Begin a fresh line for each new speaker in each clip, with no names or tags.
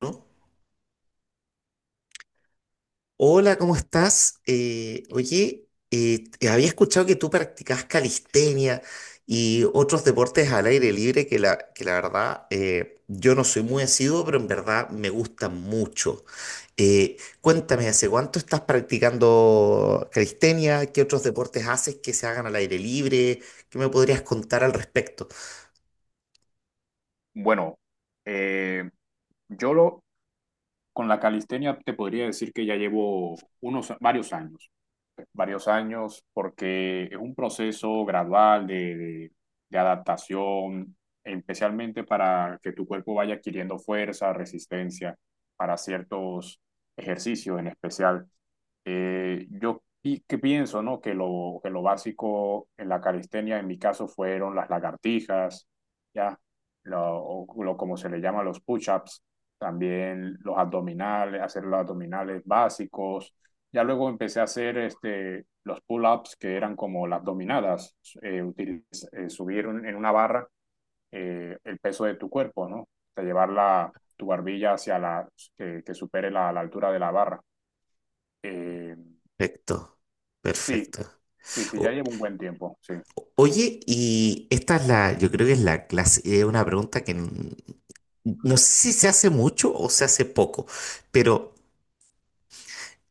¿No? Hola, ¿cómo estás? Oye, te había escuchado que tú practicas calistenia y otros deportes al aire libre que la verdad yo no soy muy asiduo, pero en verdad me gustan mucho. Eh, Cuéntame, ¿hace cuánto estás practicando calistenia? ¿Qué otros deportes haces que se hagan al aire libre? ¿Qué me podrías contar al respecto?
Bueno, eh, yo lo, con la calistenia te podría decir que ya llevo unos varios años porque es un proceso gradual de adaptación, especialmente para que tu cuerpo vaya adquiriendo fuerza, resistencia para ciertos ejercicios en especial. Yo pi que pienso, ¿no? que lo básico en la calistenia, en mi caso, fueron las lagartijas, ¿ya? Lo como se le llama, los push-ups, también los abdominales, hacer los abdominales básicos. Ya luego empecé a hacer los pull-ups, que eran como las dominadas. Subir en una barra el peso de tu cuerpo, ¿no? O llevar tu barbilla hacia que supere la altura de la barra. Eh,
Perfecto,
sí,
perfecto.
sí, sí, ya
O-
llevo un buen tiempo, sí.
Oye, y esta es la, yo creo que es la clase, es una pregunta no sé si se hace mucho o se hace poco, pero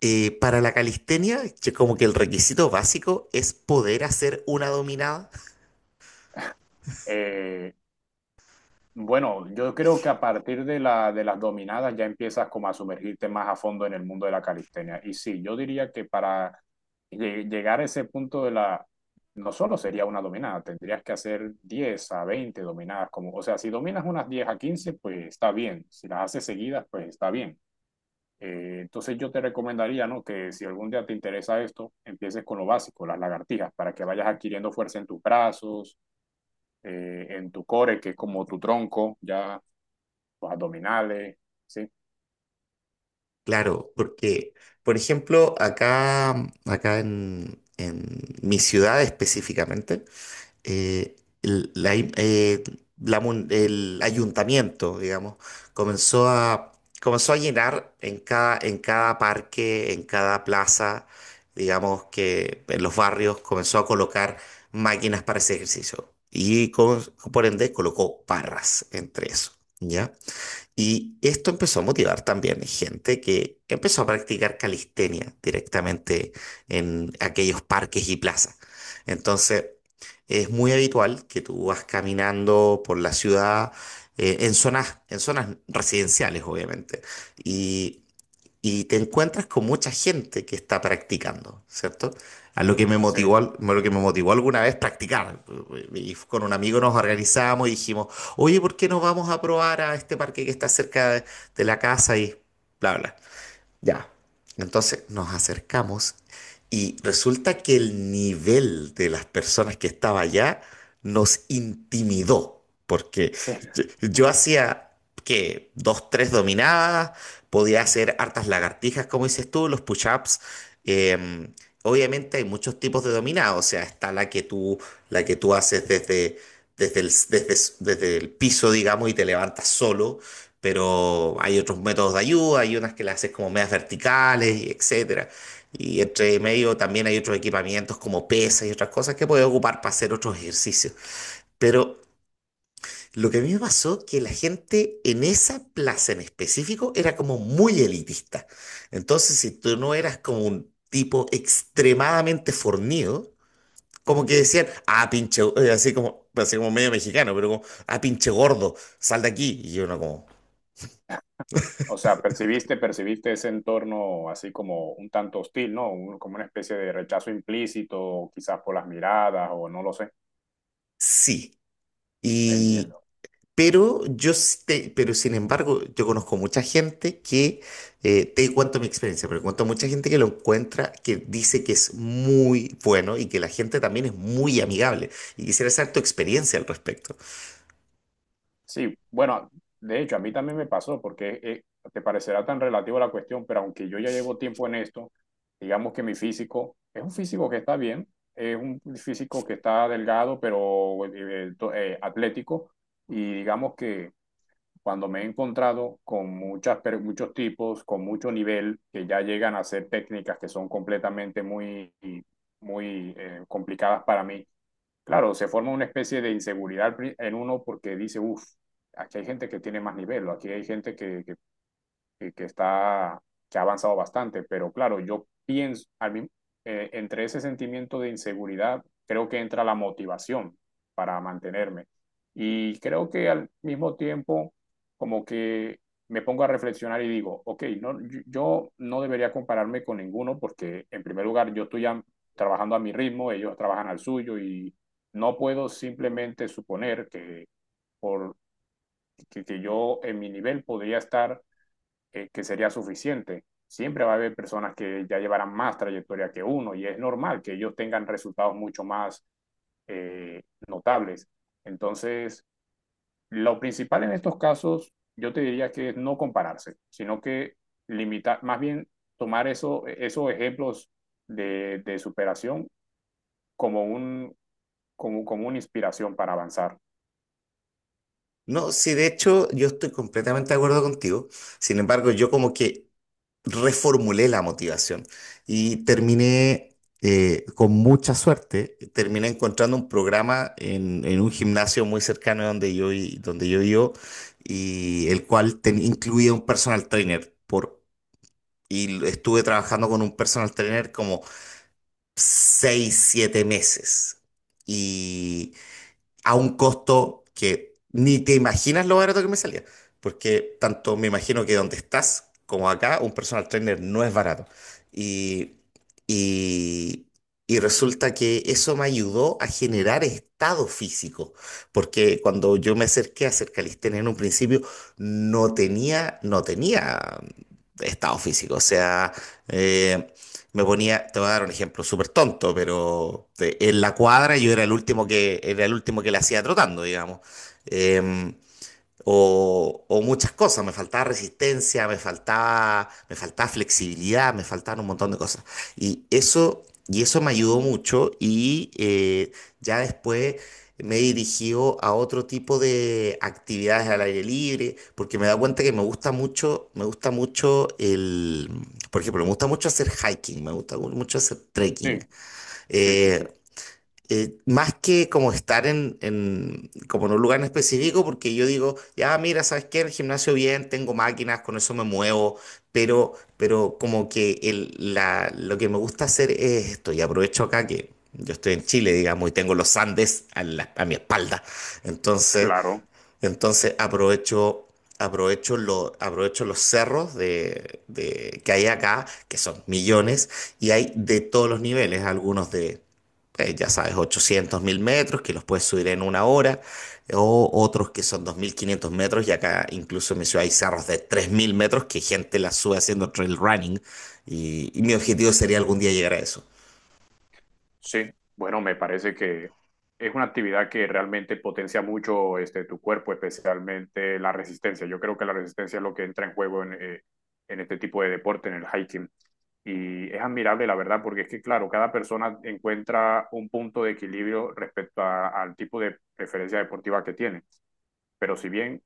para la calistenia, que como que el requisito básico es poder hacer una dominada.
Eh, Bueno, yo creo que a partir de las dominadas ya empiezas como a sumergirte más a fondo en el mundo de la calistenia. Y sí, yo diría que para llegar a ese punto no solo sería una dominada, tendrías que hacer 10 a 20 dominadas. Como, o sea, si dominas unas 10 a 15, pues está bien. Si las haces seguidas, pues está bien. Entonces yo te recomendaría, ¿no? Que si algún día te interesa esto, empieces con lo básico, las lagartijas, para que vayas adquiriendo fuerza en tus brazos, en tu core, que es como tu tronco, ya los abdominales, sí,
Claro, porque, por ejemplo, acá, acá en mi ciudad específicamente, eh, el, la im- la mun- el ayuntamiento, digamos, comenzó a, comenzó a llenar en cada parque, en cada plaza, digamos que en los barrios comenzó a colocar máquinas para ese ejercicio. Por ende colocó barras entre eso, ¿ya? Y esto empezó a motivar también gente que empezó a practicar calistenia directamente en aquellos parques y plazas. Entonces, es muy habitual que tú vas caminando por la ciudad en zonas residenciales, obviamente. Y y te encuentras con mucha gente que está practicando, ¿cierto? A lo que me
sí,
motivó, a lo que me motivó alguna vez practicar. Y con un amigo nos organizamos y dijimos, oye, ¿por qué no vamos a probar a este parque que está cerca de la casa? Y bla, bla. Ya. Entonces nos acercamos y resulta que el nivel de las personas que estaba allá nos intimidó, porque
sí.
yo hacía que dos, tres dominadas, podía hacer hartas lagartijas, como dices tú, los push-ups. em, Obviamente hay muchos tipos de dominadas, o sea, está la que tú haces desde el, desde, desde el piso, digamos, y te levantas solo, pero hay otros métodos de ayuda, hay unas que las haces como medias verticales, y etcétera. Y entre medio también hay otros equipamientos como pesas y otras cosas que puedes ocupar para hacer otros ejercicios. Pero lo que a mí me pasó que la gente en esa plaza en específico era como muy elitista. Entonces, si tú no eras como un tipo extremadamente fornido, como que decían, ah, pinche, así como medio mexicano, pero como, ah, pinche gordo, sal de aquí. Y yo no como,
O sea, percibiste ese entorno así como un tanto hostil, ¿no? Como una especie de rechazo implícito, quizás por las miradas, o no lo sé.
sí. Y,
Entiendo.
pero yo, pero sin embargo, yo conozco mucha gente que, te cuento mi experiencia, pero cuento mucha gente que lo encuentra, que dice que es muy bueno y que la gente también es muy amigable. Y quisiera saber tu experiencia al respecto.
Sí, bueno, de hecho, a mí también me pasó porque te parecerá tan relativo a la cuestión, pero aunque yo ya llevo tiempo en esto, digamos que mi físico es un físico que está bien, es un físico que está delgado, pero atlético, y digamos que cuando me he encontrado con muchos tipos, con mucho nivel, que ya llegan a hacer técnicas que son completamente muy, muy complicadas para mí. Claro, se forma una especie de inseguridad en uno porque dice: uff, aquí hay gente que tiene más nivel, o aquí hay gente que está, que ha avanzado bastante. Pero claro, yo pienso, entre ese sentimiento de inseguridad, creo que entra la motivación para mantenerme. Y creo que al mismo tiempo, como que me pongo a reflexionar y digo, ok, no, yo no debería compararme con ninguno, porque en primer lugar yo estoy ya trabajando a mi ritmo, ellos trabajan al suyo, y no puedo simplemente suponer que, por, que que yo en mi nivel podría estar que sería suficiente. Siempre va a haber personas que ya llevarán más trayectoria que uno, y es normal que ellos tengan resultados mucho más eh, notables. Entonces, lo principal en estos casos, yo te diría que es no compararse, sino que limitar, más bien tomar eso, esos ejemplos de superación como, un, como una inspiración para avanzar.
No, sí, de hecho, yo estoy completamente de acuerdo contigo. Sin embargo, yo como que reformulé la motivación y terminé, con mucha suerte, terminé encontrando un programa en un gimnasio muy cercano de donde donde yo vivo, y el cual incluía un personal trainer. Por, estuve trabajando con un personal trainer como 6 7 meses. Y a un costo que ni te imaginas lo barato que me salía. Porque tanto me imagino que donde estás como acá, un personal trainer no es barato. Y, y, y resulta que eso me ayudó a generar estado físico. Porque cuando yo me acerqué a hacer calistenia en un principio, no tenía estado físico. O sea, eh, me ponía, te voy a dar un ejemplo súper tonto, pero en la cuadra yo era era el último que la hacía trotando, digamos. Em, o muchas cosas, me faltaba resistencia, me faltaba flexibilidad, me faltaban un montón de cosas. Y eso me ayudó mucho y ya después me he dirigido a otro tipo de actividades al aire libre, porque me he dado cuenta que me gusta mucho el, por ejemplo, me gusta mucho hacer hiking, me gusta mucho hacer trekking.
Sí, sí, sí,
Eh,
sí.
más que como estar como en un lugar en específico, porque yo digo, ya mira, ¿sabes qué? En el gimnasio bien, tengo máquinas, con eso me muevo, pero como que lo que me gusta hacer es esto, y aprovecho acá que yo estoy en Chile, digamos, y tengo los Andes a mi espalda, entonces
Claro.
aprovecho, aprovecho los cerros que hay acá, que son millones, y hay de todos los niveles, algunos de, ya sabes, 800 m, que los puedes subir en 1 hora, o otros que son 2500 m, y acá incluso en mi ciudad hay cerros de 3000 m que gente la sube haciendo trail running, y mi objetivo sería algún día llegar a eso.
Sí, bueno, me parece que es una actividad que realmente potencia mucho tu cuerpo, especialmente la resistencia. Yo creo que la resistencia es lo que entra en juego en este tipo de deporte, en el hiking. Y es admirable, la verdad, porque es que, claro, cada persona encuentra un punto de equilibrio respecto al tipo de preferencia deportiva que tiene. Pero si bien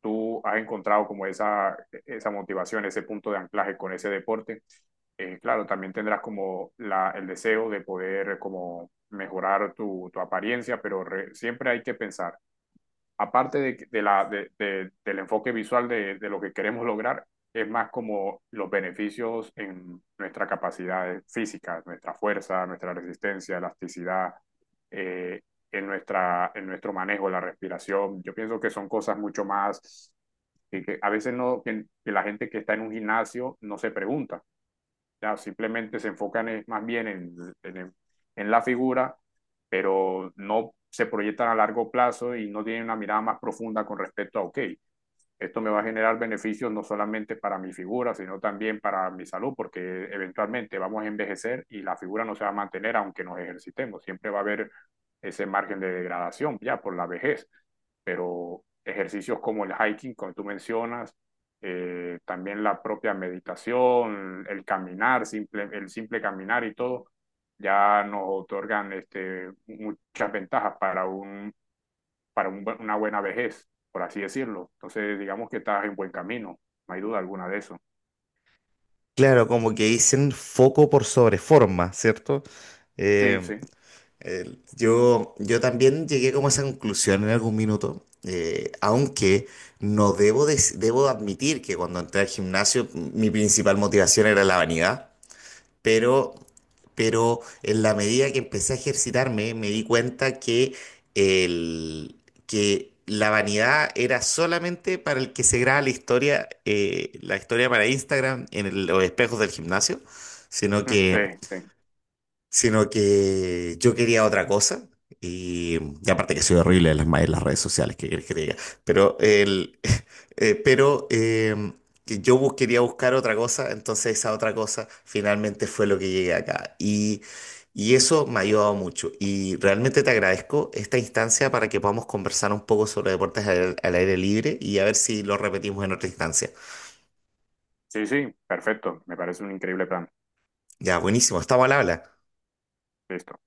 tú has encontrado como esa motivación, ese punto de anclaje con ese deporte, claro, también tendrás como el deseo de poder como mejorar tu apariencia, pero siempre hay que pensar, aparte de, que- de la, de- del enfoque visual de lo que queremos lograr, es más como los beneficios en nuestra capacidad física, nuestra fuerza, nuestra resistencia, elasticidad, eh, en nuestro manejo, la respiración. Yo pienso que son cosas mucho más que a veces no, que la gente que está en un gimnasio no se pregunta. Ya simplemente se enfocan más bien en, en la figura, pero no se proyectan a largo plazo y no tienen una mirada más profunda con respecto a, ok, esto me va a generar beneficios no solamente para mi figura, sino también para mi salud, porque eventualmente vamos a envejecer y la figura no se va a mantener aunque nos ejercitemos. Siempre va a haber ese margen de degradación ya por la vejez. Pero ejercicios como el hiking, como tú mencionas, también la propia meditación, el caminar, simple, el simple caminar y todo, ya nos otorgan muchas ventajas para un para una buena vejez, por así decirlo. Entonces, digamos que estás en buen camino, no hay duda alguna de eso.
Claro, como que dicen foco por sobre forma, ¿cierto?
Sí, sí,
Yo, yo también llegué como a esa conclusión en algún minuto, aunque no debo, dec- debo admitir que cuando entré al gimnasio mi principal motivación era la vanidad, pero, pero en la medida que empecé a ejercitarme me di cuenta que, el, que la vanidad era solamente para el que se graba la historia para Instagram en los espejos del gimnasio, sino
mm, sí,
que
sí,
sino que yo quería otra cosa. Y, y aparte que soy horrible en en las redes sociales, que querés que te diga. Pero, eh, pero eh, que yo quería buscar otra cosa, entonces esa otra cosa finalmente fue lo que llegué acá. Y eso me ha ayudado mucho. Y realmente te agradezco esta instancia para que podamos conversar un poco sobre deportes al aire libre y a ver si lo repetimos en otra instancia.
sí, sí, perfecto, me parece un increíble plan.
Ya, buenísimo, estamos al habla.
Listo.